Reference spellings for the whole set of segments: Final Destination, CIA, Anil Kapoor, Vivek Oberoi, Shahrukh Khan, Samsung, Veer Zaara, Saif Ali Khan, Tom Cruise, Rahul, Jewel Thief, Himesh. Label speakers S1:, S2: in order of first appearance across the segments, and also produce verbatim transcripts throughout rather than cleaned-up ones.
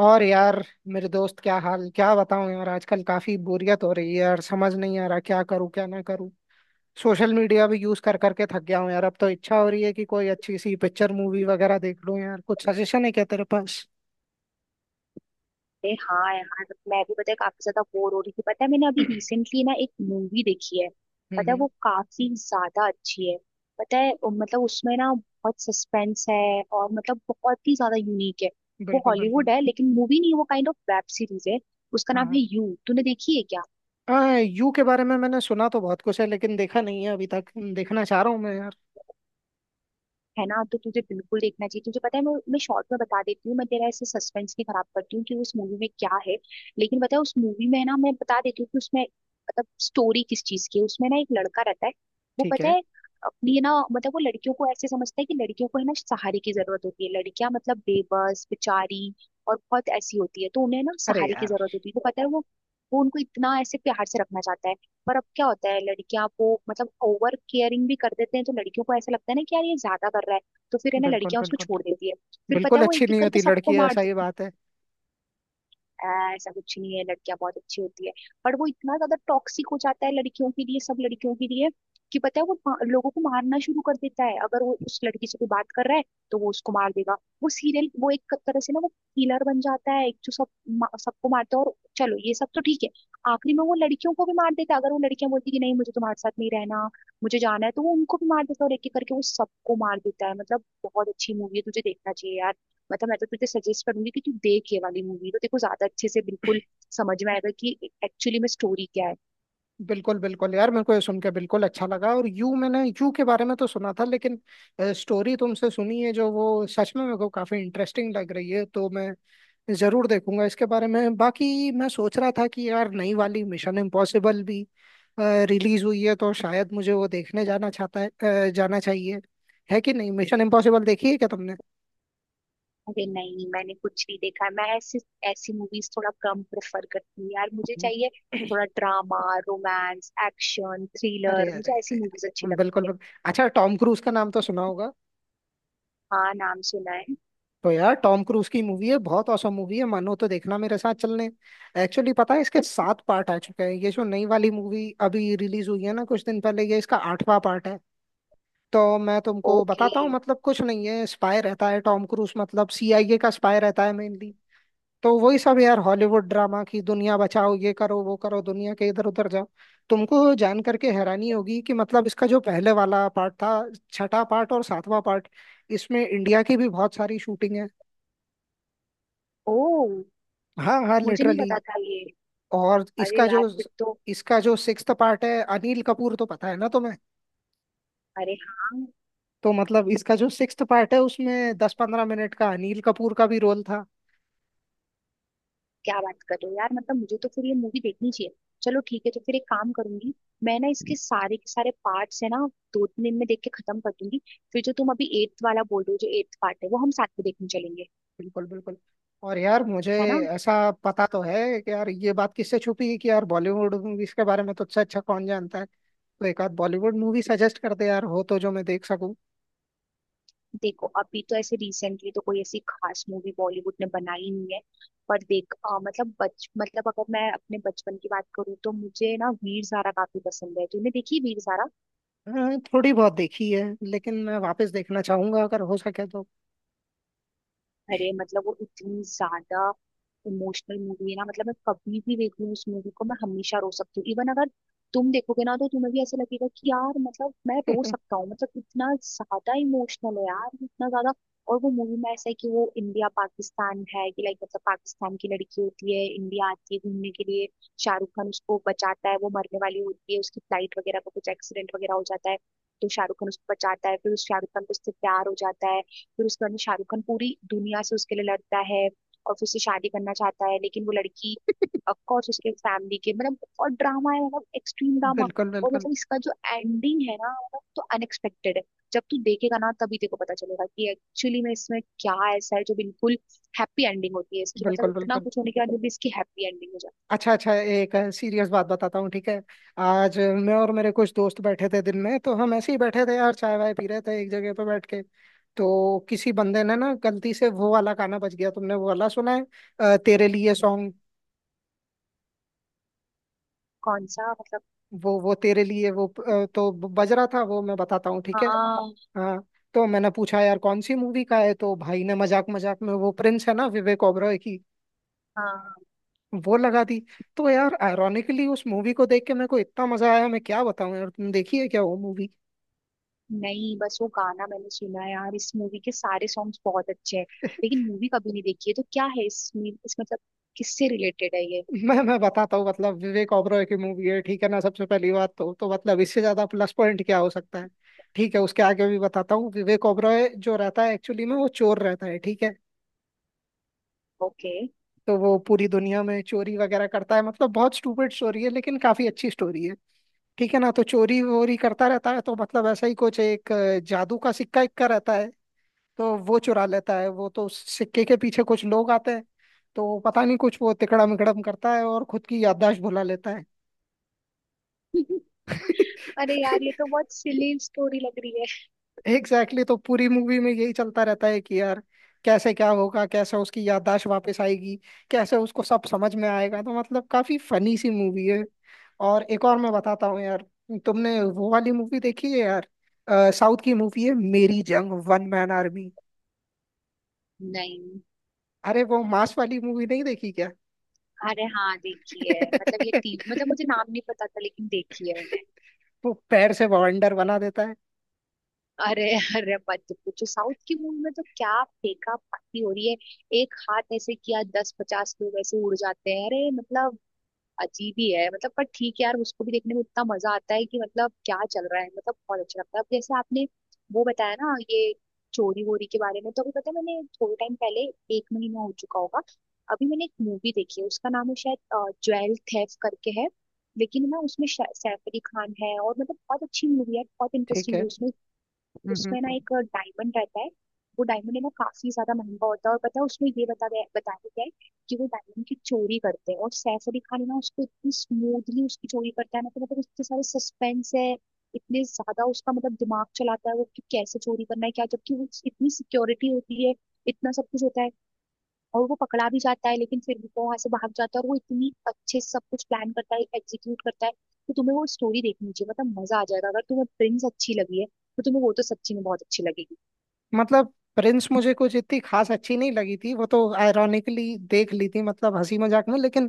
S1: और यार मेरे दोस्त, क्या हाल? क्या बताऊं यार, आजकल काफी बोरियत हो रही है यार। समझ नहीं आ रहा क्या करूं क्या ना करूं। सोशल मीडिया भी यूज कर करके थक गया हूं यार। अब तो इच्छा हो रही है कि कोई अच्छी सी पिक्चर मूवी वगैरह देख लूं यार। कुछ सजेशन है क्या तेरे पास?
S2: अरे हाँ यार। मैं भी पता है काफी ज्यादा बोर हो रही थी। पता है मैंने अभी रिसेंटली ना एक मूवी देखी है।
S1: हम्म
S2: पता है
S1: हम्म।
S2: वो काफी ज्यादा अच्छी है। पता है अ, मतलब उसमें ना बहुत सस्पेंस है और मतलब बहुत ही ज्यादा यूनिक है। वो
S1: बिल्कुल बिल्कुल।
S2: हॉलीवुड है, लेकिन मूवी नहीं है, वो काइंड ऑफ वेब सीरीज है। उसका नाम
S1: हाँ।
S2: है यू। तूने देखी है क्या?
S1: हाँ, यू के बारे में मैंने सुना तो बहुत कुछ है, लेकिन देखा नहीं है अभी तक। देखना चाह रहा हूँ मैं यार।
S2: है ना, तो तुझे बिल्कुल देखना चाहिए। तुझे पता है, मैं मैं शॉर्ट में बता देती हूँ, मैं तेरा ऐसे सस्पेंस नहीं खराब करती हूँ कि उस मूवी में क्या है। लेकिन पता है, उस मूवी में है ना, मैं बता देती हूँ कि उसमें मतलब स्टोरी किस चीज की है। उसमें ना एक लड़का रहता है। वो
S1: ठीक
S2: पता
S1: है।
S2: है, अपनी है ना, मतलब वो लड़कियों को ऐसे समझता है कि लड़कियों को है ना सहारे की जरूरत होती है। लड़कियां मतलब बेबस बेचारी और बहुत ऐसी होती है, तो उन्हें ना
S1: अरे
S2: सहारे की
S1: यार।
S2: जरूरत होती है। वो पता है, वो वो उनको इतना ऐसे प्यार से रखना चाहता है। पर अब क्या होता है, लड़कियां वो मतलब ओवर केयरिंग भी कर देते हैं, तो लड़कियों को ऐसा लगता है ना कि यार ये ज्यादा कर रहा है। तो फिर है ना,
S1: बिल्कुल
S2: लड़कियां उसको
S1: बिल्कुल।
S2: छोड़ देती है। फिर पता
S1: बिल्कुल
S2: है वो
S1: अच्छी
S2: एक एक
S1: नहीं
S2: करके
S1: होती
S2: सबको
S1: लड़की, है
S2: मार
S1: ऐसा ही
S2: देती।
S1: बात है।
S2: "ऐ, ऐसा कुछ नहीं है, लड़कियां बहुत अच्छी होती है। पर वो इतना ज्यादा टॉक्सिक हो जाता है लड़कियों के लिए, सब लड़कियों के लिए, कि पता है वो पा- लोगों को मारना शुरू कर देता है। अगर वो उस लड़की से कोई बात कर रहा है, तो वो उसको मार देगा। वो सीरियल, वो एक तरह से ना, वो किलर बन जाता है। एक जो सब मा- सबको मारता है। और चलो ये सब तो ठीक है, आखिरी में वो लड़कियों को भी मार देता है। अगर वो लड़कियां बोलती कि नहीं, मुझे तुम्हारे साथ नहीं रहना, मुझे जाना है, तो वो उनको भी मार देता है। और एक एक करके वो सबको मार देता है। मतलब बहुत अच्छी मूवी है, तुझे देखना चाहिए यार। मतलब मैं तो तुझे सजेस्ट करूंगी कि तू देख ये वाली मूवी। तो देखो, ज्यादा अच्छे से बिल्कुल समझ में आएगा कि एक्चुअली में स्टोरी क्या है।
S1: बिल्कुल बिल्कुल यार, मेरे को ये सुन के बिल्कुल अच्छा लगा। और यू मैंने यू के बारे में तो सुना था, लेकिन स्टोरी तुमसे सुनी है जो, वो सच में मेरे को काफी इंटरेस्टिंग लग रही है। तो मैं जरूर देखूंगा इसके बारे में। बाकी मैं सोच रहा था कि यार नई वाली मिशन इम्पॉसिबल भी रिलीज हुई है, तो शायद मुझे वो देखने जाना चाहता है। अ, जाना चाहिए, है कि नहीं? मिशन इम्पॉसिबल देखी है क्या तुमने?
S2: अरे नहीं, मैंने कुछ नहीं देखा है। मैं ऐसी ऐसी मूवीज थोड़ा कम प्रेफर करती हूँ यार। मुझे चाहिए थोड़ा ड्रामा, रोमांस, एक्शन,
S1: अरे
S2: थ्रिलर।
S1: अरे
S2: मुझे ऐसी
S1: अरे
S2: मूवीज अच्छी
S1: अरे, बिल्कुल
S2: लगती है।
S1: बिल्कुल। अच्छा, टॉम क्रूज का नाम तो सुना होगा।
S2: हाँ, नाम सुना है।
S1: तो यार टॉम क्रूज की मूवी है, बहुत औसम मूवी है। मानो तो देखना मेरे साथ चलने। एक्चुअली पता है, इसके सात पार्ट आ चुके हैं, ये जो नई वाली मूवी अभी रिलीज हुई है ना कुछ दिन पहले, ये इसका आठवां पार्ट है। तो मैं तुमको
S2: ओके।
S1: बताता हूँ, मतलब कुछ नहीं है, स्पाई रहता है टॉम क्रूज, मतलब सीआईए का स्पाई रहता है मेनली। तो वही सब यार, हॉलीवुड ड्रामा की दुनिया बचाओ, ये करो वो करो, दुनिया के इधर उधर जाओ। तुमको जान करके हैरानी होगी कि, मतलब इसका जो पहले वाला पार्ट था, छठा पार्ट और सातवां पार्ट, इसमें इंडिया की भी बहुत सारी शूटिंग है।
S2: ओ।
S1: हाँ हाँ,
S2: मुझे नहीं
S1: लिटरली।
S2: पता था ये।
S1: और
S2: अरे
S1: इसका
S2: यार,
S1: जो
S2: फिर तो!
S1: इसका जो सिक्स्थ पार्ट है, अनिल कपूर तो पता है ना तुम्हें?
S2: अरे हाँ!
S1: तो मतलब इसका जो सिक्स्थ पार्ट है, उसमें दस पंद्रह मिनट का अनिल कपूर का भी रोल था।
S2: क्या बात कर रहे हो यार, मतलब मुझे तो फिर ये मूवी देखनी चाहिए। चलो ठीक है, तो फिर एक काम करूंगी। मैं ना इसके सारे के सारे पार्ट्स है ना दो तीन दिन में देख के खत्म कर दूंगी। फिर जो तुम अभी एट्थ वाला बोल रहे हो, जो एट्थ पार्ट है, वो हम साथ में देखने चलेंगे।
S1: बिल्कुल बिल्कुल। और यार मुझे
S2: है ना?
S1: ऐसा पता तो है कि यार, ये बात किससे छुपी है कि यार, बॉलीवुड मूवीज के बारे में तुझसे अच्छा अच्छा कौन जानता है? तो एक आध बॉलीवुड मूवी सजेस्ट कर दे यार, हो तो, जो मैं देख सकूं।
S2: देखो, अभी तो ऐसे रिसेंटली तो कोई ऐसी खास मूवी बॉलीवुड ने बनाई नहीं है। पर देख, अ, मतलब बच मतलब अगर मैं अपने बचपन की बात करूँ, तो मुझे ना वीर ज़ारा काफी पसंद है। तूने देखी वीर ज़ारा?
S1: हाँ, थोड़ी बहुत देखी है, लेकिन मैं वापस देखना चाहूंगा अगर हो सके तो।
S2: अरे मतलब वो इतनी ज्यादा इमोशनल मूवी है ना, मतलब मैं कभी भी देख लूँ उस मूवी को, मैं हमेशा रो सकती हूँ। इवन अगर तुम देखोगे ना, तो तुम्हें भी ऐसा लगेगा कि यार मतलब मैं रो सकता हूँ। मतलब इतना ज्यादा इमोशनल है यार, इतना ज्यादा। और वो मूवी में ऐसा है कि वो इंडिया पाकिस्तान है कि लाइक मतलब पाकिस्तान की लड़की होती है, इंडिया आती है घूमने के लिए। शाहरुख खान उसको बचाता है, वो मरने वाली होती है, उसकी फ्लाइट वगैरह का कुछ एक्सीडेंट वगैरह हो जाता है। तो शाहरुख खान उसको बचाता है, फिर उस शाहरुख खान को उससे प्यार हो जाता है। फिर उसके बाद में शाहरुख खान पूरी दुनिया से उसके लिए लड़ता है और फिर उससे शादी करना चाहता है। लेकिन वो लड़की
S1: बिल्कुल
S2: ऑफकोर्स उसके फैमिली के, मतलब और ड्रामा है, मतलब एक्सट्रीम ड्रामा।
S1: बिल्कुल।
S2: और मतलब इसका जो एंडिंग है ना, मतलब तो अनएक्सपेक्टेड है। जब तू देखेगा ना, तभी तेको पता चलेगा कि एक्चुअली में इसमें क्या ऐसा है जो बिल्कुल हैप्पी एंडिंग होती है इसकी। मतलब
S1: बिल्कुल
S2: इतना
S1: बिल्कुल।
S2: कुछ होने के बाद भी इसकी हैप्पी एंडिंग हो जाती है।
S1: अच्छा अच्छा, एक सीरियस बात बताता हूँ, ठीक है? आज मैं और मेरे कुछ दोस्त बैठे थे दिन में, तो हम ऐसे ही बैठे थे यार, चाय वाय पी रहे थे एक जगह पे बैठ के। तो किसी बंदे ने ना गलती से वो वाला गाना बज गया, तुमने वो वाला सुना है? अ, तेरे लिए सॉन्ग।
S2: कौन सा मतलब?
S1: वो वो तेरे लिए वो, अ, तो बज रहा था वो, मैं बताता हूँ, ठीक है?
S2: हाँ।
S1: हाँ। तो मैंने पूछा यार कौन सी मूवी का है, तो भाई ने मजाक मजाक में, वो प्रिंस है ना विवेक ओबरॉय की,
S2: हाँ,
S1: वो लगा दी। तो यार आयरोनिकली उस मूवी को देख के मेरे को इतना मजा आया, मैं क्या बताऊं यार! तुम देखी है क्या वो मूवी?
S2: नहीं, बस वो गाना मैंने सुना है यार, इस मूवी के सारे सॉन्ग्स बहुत अच्छे हैं। लेकिन मूवी कभी नहीं देखी है। तो क्या है इसमें, इस मतलब किससे रिलेटेड है ये?
S1: मैं मैं बताता हूँ, मतलब विवेक ओबरॉय की मूवी है, ठीक है ना? सबसे पहली बात तो तो मतलब इससे ज्यादा प्लस पॉइंट क्या हो सकता है? ठीक है, उसके आगे भी बताता हूँ, विवेक ओबरॉय जो रहता है एक्चुअली में, वो चोर रहता है, ठीक है?
S2: ओके।
S1: तो वो पूरी दुनिया में चोरी वगैरह करता है, मतलब बहुत स्टूपिड स्टोरी है, लेकिन काफी अच्छी स्टोरी है, ठीक है ना? तो चोरी वोरी करता रहता है, तो मतलब ऐसा ही कुछ एक अ, जादू का सिक्का इक्का रहता है, तो वो चुरा लेता है वो, तो उस सिक्के के पीछे कुछ लोग आते हैं, तो पता नहीं कुछ वो तिकड़म विकड़म करता है, और खुद की याददाश्त भुला लेता है।
S2: अरे यार, ये तो बहुत सिली स्टोरी लग रही है।
S1: एग्जैक्टली, तो पूरी मूवी में यही चलता रहता है कि यार, कैसे क्या होगा, कैसे उसकी याददाश्त वापस आएगी, कैसे उसको सब समझ में आएगा। तो मतलब काफी फनी सी मूवी है। और एक और मैं बताता हूँ यार, तुमने वो वाली मूवी देखी है यार, साउथ की मूवी है, मेरी जंग वन मैन आर्मी?
S2: नहीं।
S1: अरे वो मांस वाली मूवी नहीं देखी क्या?
S2: अरे हाँ, देखी है। मतलब ये टीवी, मतलब मुझे नाम नहीं पता था, लेकिन देखी है मैंने।
S1: वो पैर से बवंडर बना देता है।
S2: अरे! अरे मत पूछो, साउथ की मूवी में तो क्या फेंका पाती हो रही है। एक हाथ ऐसे किया, दस पचास लोग ऐसे उड़ जाते हैं। अरे मतलब अजीब ही है मतलब, पर ठीक है यार, उसको भी देखने में इतना मजा आता है कि मतलब क्या चल रहा है। मतलब बहुत अच्छा लगता है। अब जैसे आपने वो बताया ना ये चोरी वोरी के बारे में, तो अभी पता है मैंने थोड़े टाइम पहले, एक महीना हो चुका होगा, अभी मैंने एक मूवी देखी है। उसका नाम है शायद ज्वेल थेफ करके है। लेकिन ना उसमें शा- सैफ अली खान है, और मतलब बहुत अच्छी मूवी है, बहुत
S1: ठीक
S2: इंटरेस्टिंग
S1: है।
S2: है उसमें।
S1: हम्म,
S2: उसमें ना
S1: हम्म।
S2: एक डायमंड रहता है। वो डायमंड है ना काफी ज्यादा महंगा होता है, और पता है उसमें ये बता गया बताया गया है कि वो डायमंड की चोरी करते हैं। और सैफ अली खान है ना, उसको इतनी स्मूथली उसकी चोरी करता है ना, तो मतलब इतने सारे सस्पेंस है। इतने ज्यादा उसका मतलब दिमाग चलाता है वो कि कैसे चोरी करना है क्या, जबकि वो इतनी सिक्योरिटी होती है, इतना सब कुछ होता है। और वो पकड़ा भी जाता है, लेकिन फिर भी वो वहां से भाग जाता है। और वो इतनी अच्छे से सब कुछ प्लान करता है, एग्जीक्यूट करता है। तो तुम्हें वो स्टोरी देखनी चाहिए, मतलब मजा आ जाएगा। अगर तुम्हें प्रिंस अच्छी लगी है, तो तुम्हें वो तो सच्ची में बहुत अच्छी लगेगी।
S1: मतलब प्रिंस मुझे कुछ इतनी खास अच्छी नहीं लगी थी, वो तो आयरॉनिकली देख ली थी मतलब हंसी मजाक में, लेकिन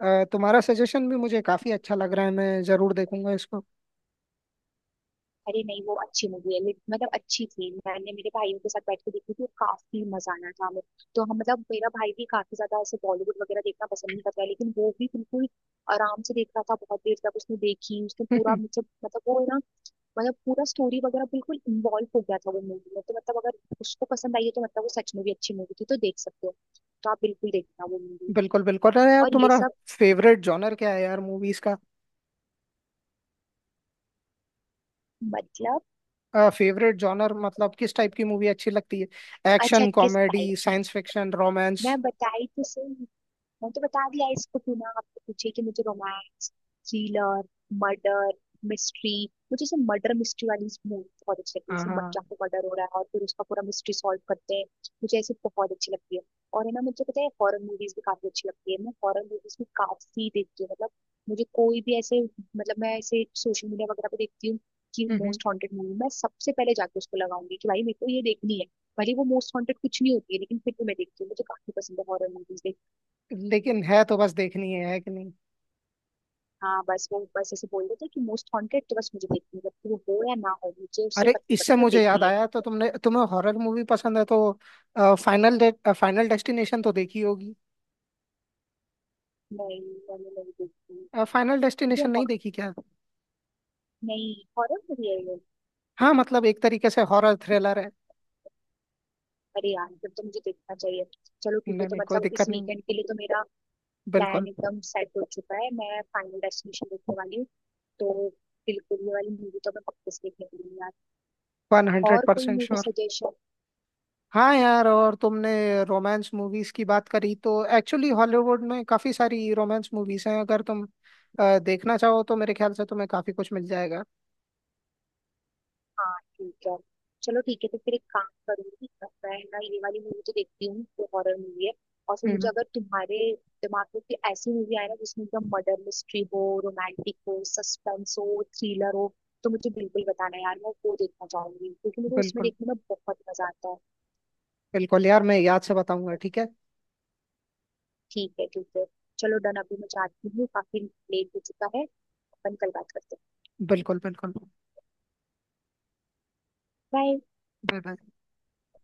S1: अ, तुम्हारा सजेशन भी मुझे काफी अच्छा लग रहा है, मैं जरूर देखूंगा इसको।
S2: अरे नहीं, वो अच्छी मूवी है लेकिन- मतलब अच्छी थी। मैंने मेरे भाइयों के साथ बैठ के देखी थी, और काफी मजा आना था हमें। तो हम मतलब, मेरा भाई भी काफी ज्यादा ऐसे बॉलीवुड वगैरह देखना पसंद नहीं करता है, लेकिन वो भी बिल्कुल आराम से देख रहा था। बहुत देर तक उसने देखी, उसने पूरा मुझे, मतलब वो है ना, मतलब पूरा स्टोरी वगैरह बिल्कुल इन्वॉल्व हो गया था वो मूवी में। तो मतलब अगर उसको पसंद आई है, तो मतलब वो सच में भी अच्छी मूवी थी, तो देख सकते हो। तो आप बिल्कुल देखना वो मूवी।
S1: बिल्कुल बिल्कुल। अरे यार,
S2: और ये
S1: तुम्हारा
S2: सब
S1: फेवरेट जॉनर क्या है यार, मूवीज का?
S2: मतलब।
S1: फेवरेट जॉनर मतलब किस टाइप की मूवी अच्छी लगती है?
S2: अच्छा,
S1: एक्शन,
S2: किस
S1: कॉमेडी,
S2: टाइप की?
S1: Science fiction, romance?
S2: मैं बताई तो सही, मैं तो बता दिया इसको बिना आपको पूछे कि मुझे रोमांस, थ्रिलर, मर्डर मिस्ट्री। मुझे ऐसे मर्डर मिस्ट्री वाली मूवी बहुत अच्छी लगती है,
S1: हाँ
S2: जैसे मर
S1: हाँ।
S2: जाके मर्डर हो रहा है और फिर उसका पूरा मिस्ट्री सॉल्व करते हैं। मुझे ऐसी बहुत अच्छी लगती है। और है ना, मुझे पता है हॉरर मूवीज भी काफी अच्छी लगती है। मैं हॉरर मूवीज भी काफी देखती हूँ। मतलब मुझे कोई भी ऐसे मतलब, मैं ऐसे सोशल मीडिया वगैरह पे देखती हूँ कि
S1: हम्म,
S2: मोस्ट हॉन्टेड मूवी, मैं सबसे पहले जाके उसको लगाऊंगी कि भाई मेरे को ये देखनी है। भले वो मोस्ट हॉन्टेड कुछ नहीं होती है, लेकिन फिर भी मैं देखती हूँ, मुझे काफी पसंद है हॉरर मूवीज।
S1: हम्म। लेकिन है तो बस देखनी है है कि?
S2: हाँ बस वो, बस ऐसे बोल देते कि मोस्ट हॉन्टेड, तो बस मुझे देखनी है। जब वो हो या ना हो, मुझे उससे
S1: अरे
S2: फर्क नहीं
S1: इससे
S2: पड़ता, बस
S1: मुझे याद
S2: देखनी है।
S1: आया, तो तुमने, तुम्हें हॉरर मूवी पसंद है, तो फाइनल फाइनल डेस्टिनेशन तो देखी होगी।
S2: नहीं, मैंने नहीं देखी।
S1: फाइनल
S2: ये
S1: डेस्टिनेशन नहीं
S2: हॉर
S1: देखी क्या?
S2: नहीं, हॉरर मूवी है ये?
S1: हाँ, मतलब एक तरीके से हॉरर थ्रिलर है।
S2: अरे यार, फिर तो मुझे देखना चाहिए। चलो
S1: नहीं
S2: ठीक है, तो
S1: नहीं, कोई
S2: मतलब इस
S1: दिक्कत नहीं।
S2: वीकेंड के लिए तो मेरा प्लान
S1: बिल्कुल।
S2: एकदम सेट हो चुका है, मैं फाइनल डेस्टिनेशन देखने वाली हूँ। तो बिल्कुल ये वाली मूवी तो मैं पक्के से देखने वाली हूँ यार।
S1: वन हंड्रेड
S2: और कोई
S1: परसेंट
S2: मूवी
S1: श्योर।
S2: सजेशन?
S1: हाँ यार, और तुमने रोमांस मूवीज की बात करी, तो एक्चुअली हॉलीवुड में काफी सारी रोमांस मूवीज हैं, अगर तुम अ, देखना चाहो तो मेरे ख्याल से तुम्हें काफी कुछ मिल जाएगा।
S2: हाँ ठीक है। चलो ठीक है, तो फिर एक काम करूंगी, मैं ना ये वाली मूवी तो देखती हूँ, जो हॉरर मूवी है। और फिर मुझे,
S1: हम्म।
S2: अगर तुम्हारे दिमाग में कोई ऐसी मूवी आए ना, जिसमें एकदम मर्डर मिस्ट्री हो, रोमांटिक हो, सस्पेंस हो, थ्रिलर हो, तो मुझे बिल्कुल बताना यार, मैं वो देखना चाहूंगी, क्योंकि मुझे उसमें
S1: बिल्कुल
S2: देखने में बहुत मजा आता है।
S1: बिल्कुल यार, मैं याद से बताऊंगा, ठीक है?
S2: ठीक है ठीक है। चलो डन, अभी मैं जाती हूँ, काफी लेट हो चुका है, अपन कल बात करते हैं।
S1: बिल्कुल बिल्कुल।
S2: बाय।
S1: Bye bye.